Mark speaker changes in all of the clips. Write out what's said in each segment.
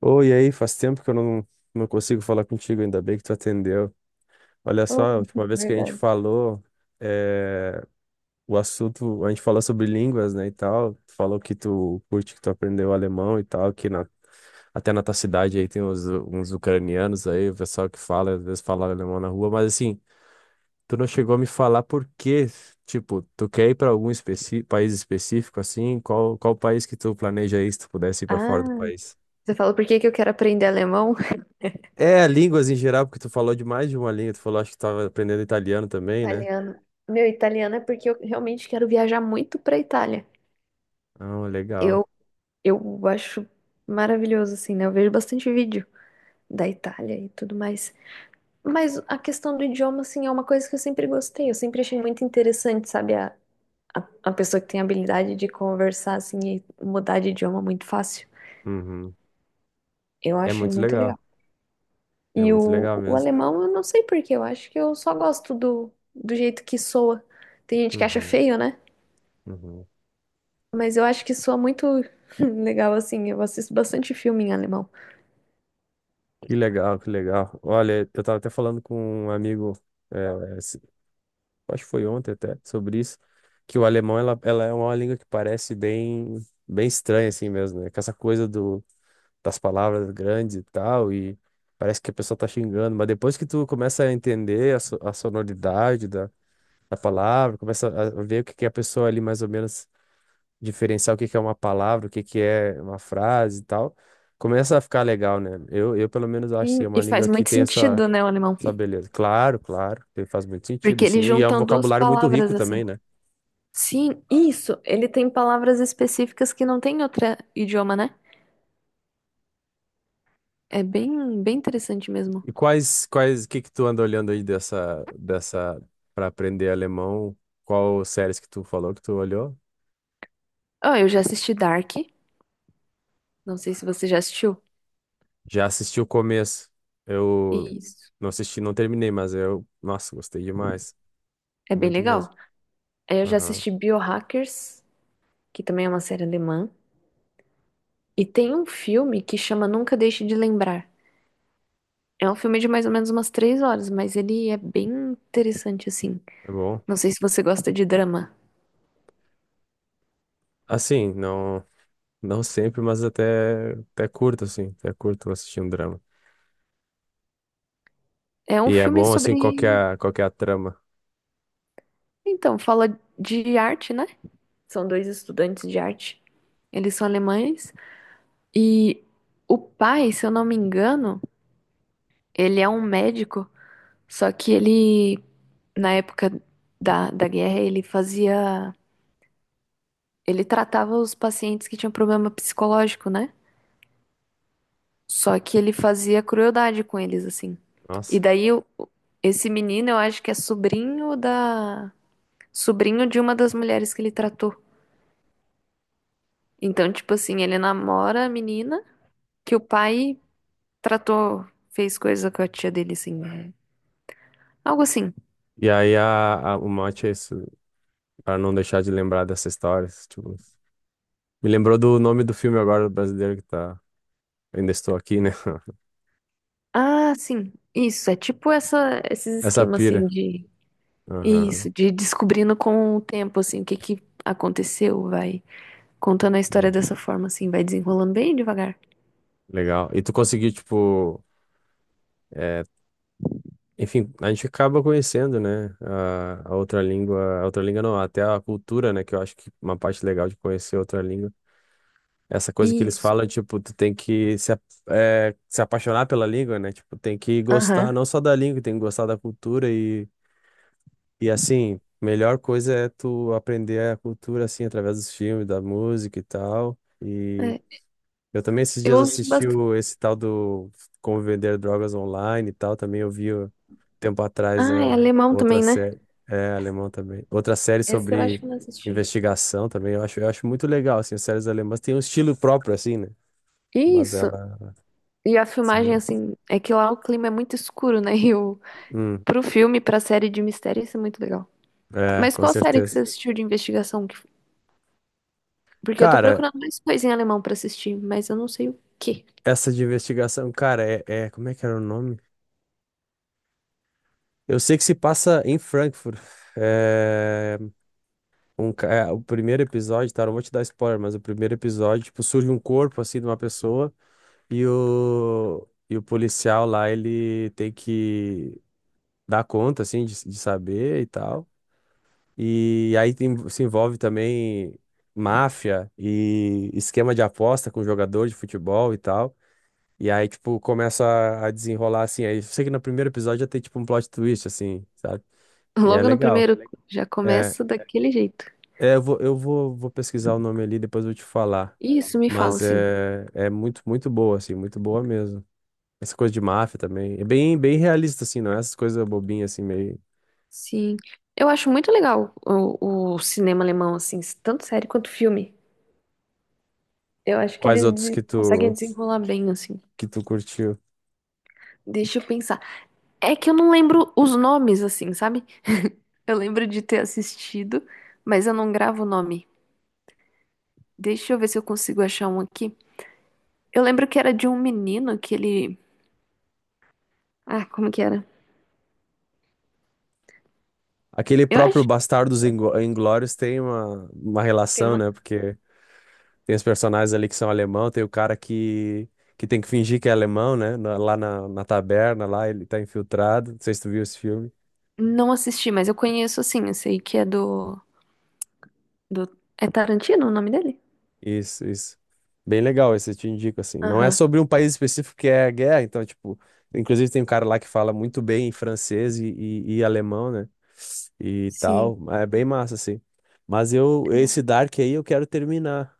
Speaker 1: Oi, e aí, faz tempo que eu não consigo falar contigo, ainda bem que tu atendeu. Olha só,
Speaker 2: Oh,
Speaker 1: a última vez que a gente
Speaker 2: verdade.
Speaker 1: falou, eh, o assunto, a gente falou sobre línguas, né, e tal, tu falou que tu curte, que tu aprendeu alemão e tal, até na tua cidade aí tem uns ucranianos aí, o pessoal que fala, às vezes fala alemão na rua, mas assim, tu não chegou a me falar por quê, tipo, tu quer ir para país específico, assim, qual país que tu planeja ir, se tu pudesse ir para fora
Speaker 2: Ah,
Speaker 1: do país?
Speaker 2: você falou por que que eu quero aprender alemão?
Speaker 1: É, línguas em geral, porque tu falou de mais de uma língua. Tu falou, acho que tava aprendendo italiano também, né?
Speaker 2: Italiano. Meu, italiano é porque eu realmente quero viajar muito pra Itália.
Speaker 1: Ah, legal.
Speaker 2: Eu, eu acho maravilhoso, assim, né? Eu vejo bastante vídeo da Itália e tudo mais. Mas a questão do idioma, assim, é uma coisa que eu sempre gostei. Eu sempre achei muito interessante, sabe? A pessoa que tem a habilidade de conversar, assim, e mudar de idioma muito fácil.
Speaker 1: Uhum.
Speaker 2: Eu
Speaker 1: É
Speaker 2: acho
Speaker 1: muito
Speaker 2: muito legal.
Speaker 1: legal. É
Speaker 2: E
Speaker 1: muito
Speaker 2: o,
Speaker 1: legal
Speaker 2: o
Speaker 1: mesmo.
Speaker 2: alemão, eu não sei por quê, eu acho que eu só gosto do jeito que soa. Tem gente que acha
Speaker 1: Uhum.
Speaker 2: feio, né?
Speaker 1: Uhum.
Speaker 2: Mas eu acho que soa muito legal, assim. Eu assisto bastante filme em alemão.
Speaker 1: Que legal, que legal. Olha, eu tava até falando com um amigo, é, esse- acho que foi ontem até, sobre isso, que o alemão, ela é uma língua que parece bem estranha, assim mesmo, né? Com essa coisa do, das palavras grandes e tal, e parece que a pessoa tá xingando, mas depois que tu começa a entender a sonoridade a palavra, começa a ver o que que é a pessoa ali mais ou menos diferenciar o que que é uma palavra, o que que é uma frase e tal. Começa a ficar legal, né? Eu pelo menos acho assim, é
Speaker 2: E,
Speaker 1: uma
Speaker 2: e faz
Speaker 1: língua que
Speaker 2: muito
Speaker 1: tem essa,
Speaker 2: sentido, né, o alemão?
Speaker 1: essa beleza. Claro, claro, faz muito sentido
Speaker 2: Porque
Speaker 1: assim.
Speaker 2: eles
Speaker 1: E é um
Speaker 2: juntam duas
Speaker 1: vocabulário muito rico
Speaker 2: palavras,
Speaker 1: também,
Speaker 2: assim.
Speaker 1: né?
Speaker 2: Sim, isso. Ele tem palavras específicas que não tem em outro idioma, né? É bem, bem interessante mesmo.
Speaker 1: E que tu anda olhando aí para aprender alemão? Qual séries que tu falou que tu olhou?
Speaker 2: Oh, eu já assisti Dark. Não sei se você já assistiu.
Speaker 1: Já assisti o começo. Eu
Speaker 2: Isso.
Speaker 1: não assisti, não terminei, mas eu, nossa, gostei demais.
Speaker 2: É bem
Speaker 1: Muito mesmo.
Speaker 2: legal. Aí eu já
Speaker 1: Aham,
Speaker 2: assisti Biohackers, que também é uma série alemã. E tem um filme que chama Nunca Deixe de Lembrar. É um filme de mais ou menos umas 3 horas, mas ele é bem interessante, assim.
Speaker 1: é bom.
Speaker 2: Não sei se você gosta de drama.
Speaker 1: Assim, não, não sempre, mas até curto, assim, até curto assistir um drama.
Speaker 2: É um
Speaker 1: E é
Speaker 2: filme
Speaker 1: bom, assim,
Speaker 2: sobre.
Speaker 1: qual que é a trama.
Speaker 2: Então, fala de arte, né? São dois estudantes de arte. Eles são alemães. E o pai, se eu não me engano, ele é um médico. Só que ele, na época da guerra, ele fazia. Ele tratava os pacientes que tinham problema psicológico, né? Só que ele fazia crueldade com eles, assim. E
Speaker 1: Nossa.
Speaker 2: daí, esse menino, eu acho que é sobrinho da... Sobrinho de uma das mulheres que ele tratou. Então, tipo assim, ele namora a menina que o pai tratou, fez coisa com a tia dele, assim. É. Algo assim.
Speaker 1: E aí o mote é isso, pra não deixar de lembrar dessa história. Tipo, me lembrou do nome do filme agora, brasileiro, que tá... Ainda estou aqui, né?
Speaker 2: Ah, sim. Isso, é tipo essa, esses
Speaker 1: Essa
Speaker 2: esquemas, assim,
Speaker 1: pira.
Speaker 2: de...
Speaker 1: Aham.
Speaker 2: Isso, de descobrindo com o tempo, assim, o que que aconteceu, vai contando a história
Speaker 1: Hum.
Speaker 2: dessa forma, assim, vai desenrolando bem devagar.
Speaker 1: Legal. E tu conseguiu, tipo... eh, enfim, a gente acaba conhecendo, né, a outra língua, a outra língua não, até a cultura, né, que eu acho que uma parte legal de conhecer outra língua. Essa coisa que eles
Speaker 2: Isso.
Speaker 1: falam, tipo, tu tem que se, a- é, se apaixonar pela língua, né, tipo, tem que gostar
Speaker 2: Aham.
Speaker 1: não só da língua, tem que gostar da cultura e assim, melhor coisa é tu aprender a cultura, assim, através dos filmes, da música e tal.
Speaker 2: É,
Speaker 1: Eu também esses
Speaker 2: eu
Speaker 1: dias
Speaker 2: ouço
Speaker 1: assisti
Speaker 2: bastante.
Speaker 1: o, esse tal do Como Vender Drogas Online e tal. Também eu vi ó, tempo atrás
Speaker 2: Ah, é
Speaker 1: a
Speaker 2: alemão
Speaker 1: outra
Speaker 2: também, né?
Speaker 1: série. É, alemão também. Outra série
Speaker 2: Esse eu acho
Speaker 1: sobre
Speaker 2: que eu não assisti.
Speaker 1: investigação também. Eu acho muito legal, assim, as séries alemãs têm um estilo próprio, assim, né? Mas
Speaker 2: Isso.
Speaker 1: ela
Speaker 2: E a
Speaker 1: são
Speaker 2: filmagem,
Speaker 1: boas.
Speaker 2: assim, é que lá o clima é muito escuro, né? E o...
Speaker 1: Hum,
Speaker 2: pro filme, pra série de mistério, isso é muito legal.
Speaker 1: é,
Speaker 2: Mas
Speaker 1: com
Speaker 2: qual série que
Speaker 1: certeza.
Speaker 2: você assistiu de investigação? Porque eu tô
Speaker 1: Cara,
Speaker 2: procurando mais coisa em alemão pra assistir, mas eu não sei o quê.
Speaker 1: essa de investigação, cara, como é que era o nome? Eu sei que se passa em Frankfurt. É, o primeiro episódio, tá? Não vou te dar spoiler, mas o primeiro episódio, tipo, surge um corpo, assim, de uma pessoa e o policial lá, ele tem que dar conta, assim, de saber e tal. E aí se envolve também máfia e esquema de aposta com jogador de futebol e tal. E aí, tipo, começa a desenrolar, assim. Aí eu sei que no primeiro episódio já tem, tipo, um plot twist, assim, sabe? E é
Speaker 2: Logo no
Speaker 1: legal.
Speaker 2: primeiro, já
Speaker 1: É.
Speaker 2: começa daquele jeito.
Speaker 1: É, vou pesquisar o nome ali, depois eu te falar.
Speaker 2: Isso, me fala,
Speaker 1: Mas
Speaker 2: assim.
Speaker 1: é, é muito, muito boa, assim, muito boa mesmo. Essa coisa de máfia também. É bem, bem realista, assim, não é essas coisas bobinhas, assim, meio.
Speaker 2: Sim. Eu acho muito legal o cinema alemão, assim, tanto série quanto filme. Eu acho que
Speaker 1: Quais
Speaker 2: eles
Speaker 1: outros
Speaker 2: conseguem desenrolar bem, assim.
Speaker 1: que tu curtiu?
Speaker 2: Deixa eu pensar. É que eu não lembro os nomes, assim, sabe? Eu lembro de ter assistido, mas eu não gravo o nome. Deixa eu ver se eu consigo achar um aqui. Eu lembro que era de um menino que ele. Ah, como que era?
Speaker 1: Aquele
Speaker 2: Eu acho
Speaker 1: próprio
Speaker 2: que
Speaker 1: Inglórios tem uma
Speaker 2: tem
Speaker 1: relação,
Speaker 2: uma.
Speaker 1: né? Porque tem os personagens ali que são alemão, tem que tem que fingir que é alemão, né? Lá na taberna, lá ele tá infiltrado. Não sei se tu viu esse filme.
Speaker 2: Não assisti, mas eu conheço, assim. Eu sei que é do. Do... É Tarantino o nome dele?
Speaker 1: Isso, isso. Bem legal, esse eu te indico, assim. Não é
Speaker 2: Aham.
Speaker 1: sobre um país específico que é a guerra, então, tipo, inclusive tem um cara lá que fala muito bem francês e alemão, né? E
Speaker 2: Sim.
Speaker 1: tal. É bem massa, assim. Mas eu,
Speaker 2: É.
Speaker 1: esse Dark aí eu quero terminar.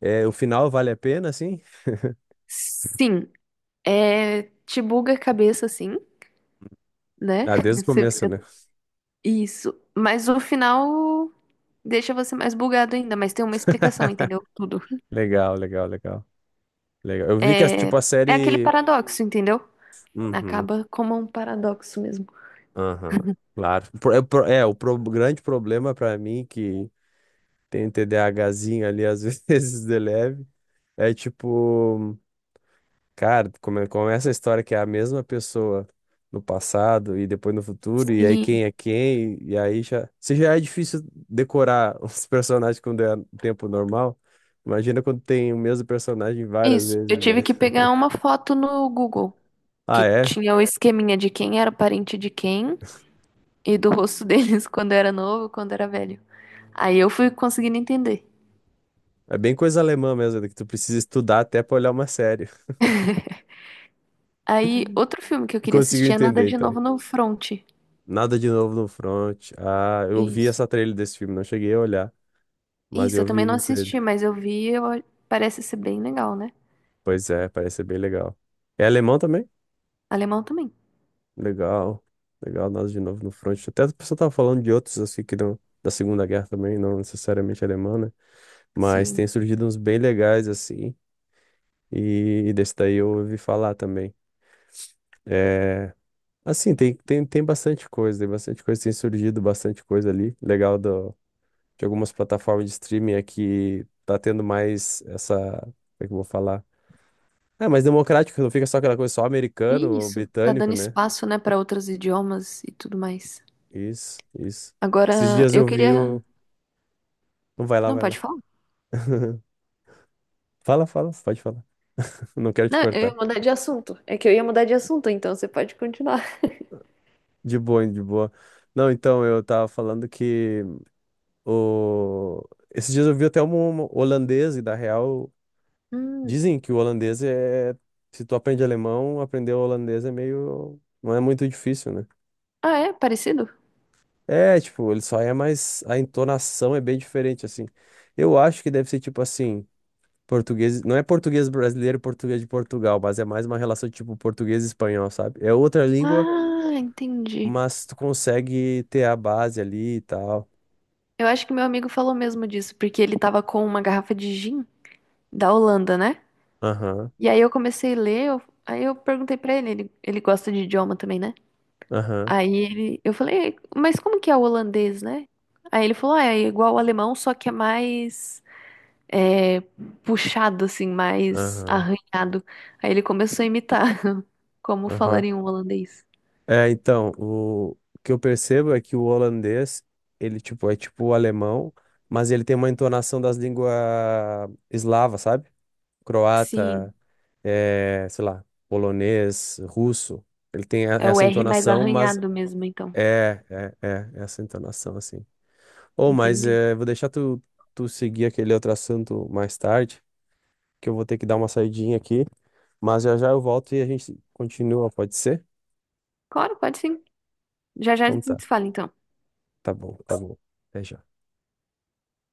Speaker 1: É, o final vale a pena, assim?
Speaker 2: Sim, é, te buga a cabeça, assim, né?
Speaker 1: Ah, desde o
Speaker 2: Você
Speaker 1: começo,
Speaker 2: fica...
Speaker 1: né?
Speaker 2: Isso. Mas o final deixa você mais bugado ainda, mas tem uma explicação, entendeu? Tudo.
Speaker 1: Legal, legal, legal. Legal. Eu vi que,
Speaker 2: É,
Speaker 1: tipo, a
Speaker 2: é aquele
Speaker 1: série.
Speaker 2: paradoxo, entendeu?
Speaker 1: Uhum,
Speaker 2: Acaba como um paradoxo mesmo.
Speaker 1: aham, claro. Grande problema pra mim que tem TDAHzinho ali, às vezes, de leve. É tipo, cara, começa a história que é a mesma pessoa no passado e depois no futuro, e aí
Speaker 2: Sim,
Speaker 1: quem é quem, e aí já. Se já é difícil decorar os personagens quando é tempo normal, imagina quando tem o mesmo personagem várias
Speaker 2: isso. Eu
Speaker 1: vezes,
Speaker 2: tive
Speaker 1: né?
Speaker 2: que pegar uma foto no Google,
Speaker 1: Ah,
Speaker 2: que
Speaker 1: é?
Speaker 2: tinha o esqueminha de quem era parente de quem e do rosto deles quando era novo, quando era velho. Aí eu fui conseguindo entender.
Speaker 1: É bem coisa alemã mesmo, né, que tu precisa estudar até pra olhar uma série.
Speaker 2: Aí, outro filme que eu queria
Speaker 1: Conseguiu
Speaker 2: assistir é Nada
Speaker 1: entender,
Speaker 2: de
Speaker 1: então.
Speaker 2: Novo no Front.
Speaker 1: Nada de novo no front. Ah, eu vi
Speaker 2: Isso.
Speaker 1: essa trailer desse filme, não cheguei a olhar, mas
Speaker 2: Isso, eu
Speaker 1: eu
Speaker 2: também não
Speaker 1: vi a trailer.
Speaker 2: assisti, mas parece ser bem legal, né?
Speaker 1: Pois é, parece ser bem legal. É alemão também?
Speaker 2: Alemão também.
Speaker 1: Legal, legal, nós de novo no front. Até a pessoa tava falando de outros assim que não, da Segunda Guerra também, não necessariamente alemã, né? Mas
Speaker 2: Sim.
Speaker 1: tem surgido uns bem legais assim, e desse daí eu ouvi falar também. É, assim, tem bastante coisa, tem bastante coisa, tem surgido bastante coisa ali. Legal do, de algumas plataformas de streaming aqui, tá tendo mais essa, como é que eu vou falar? É mais democrático, não fica só aquela coisa só americano
Speaker 2: E
Speaker 1: ou
Speaker 2: isso, tá
Speaker 1: britânico,
Speaker 2: dando
Speaker 1: né?
Speaker 2: espaço, né, para outros idiomas e tudo mais.
Speaker 1: Isso, isso. Esses
Speaker 2: Agora,
Speaker 1: dias
Speaker 2: eu
Speaker 1: eu vi
Speaker 2: queria.
Speaker 1: o. Não vai lá,
Speaker 2: Não,
Speaker 1: vai
Speaker 2: pode
Speaker 1: lá.
Speaker 2: falar?
Speaker 1: Fala, fala, pode falar. Não quero te
Speaker 2: Não, eu ia
Speaker 1: cortar.
Speaker 2: mudar de assunto. É que eu ia mudar de assunto, então você pode continuar.
Speaker 1: De boa, de boa. Não, então, eu tava falando que o... esses dias eu vi até um holandês, e da real,
Speaker 2: Hum.
Speaker 1: dizem que o holandês é. Se tu aprende alemão, aprender o holandês é meio. Não é muito difícil, né?
Speaker 2: Ah, é? Parecido?
Speaker 1: É, tipo, ele só é mais. A entonação é bem diferente, assim. Eu acho que deve ser tipo assim. Português, não é português brasileiro e português de Portugal, mas é mais uma relação tipo português e espanhol, sabe? É outra língua,
Speaker 2: Ah, entendi.
Speaker 1: mas tu consegue ter a base ali e tal.
Speaker 2: Eu acho que meu amigo falou mesmo disso, porque ele tava com uma garrafa de gin da Holanda, né?
Speaker 1: Aham,
Speaker 2: E aí eu comecei a ler, aí eu perguntei pra ele, ele gosta de idioma também, né?
Speaker 1: aham,
Speaker 2: Aí ele, eu falei, mas como que é o holandês, né? Aí ele falou, ah, é igual o alemão, só que é mais é, puxado, assim, mais
Speaker 1: aham,
Speaker 2: arranhado. Aí ele começou a imitar como
Speaker 1: aham.
Speaker 2: falaria um holandês.
Speaker 1: É, então, o que eu percebo é que o holandês, ele, tipo, é tipo o alemão, mas ele tem uma entonação das línguas eslavas, sabe? Croata,
Speaker 2: Sim,
Speaker 1: é, sei lá, polonês, russo.
Speaker 2: é o
Speaker 1: Essa
Speaker 2: R mais
Speaker 1: entonação, mas
Speaker 2: arranhado mesmo, então.
Speaker 1: é, é, é, é essa entonação, assim. Ou, mas
Speaker 2: Entendi.
Speaker 1: é, vou deixar tu seguir aquele outro assunto mais tarde, que eu vou ter que dar uma saidinha aqui. Mas já já eu volto e a gente continua, pode ser?
Speaker 2: Claro, pode sim. Já já a
Speaker 1: Então tá,
Speaker 2: gente se fala, então.
Speaker 1: tá bom, tá bom. Até já.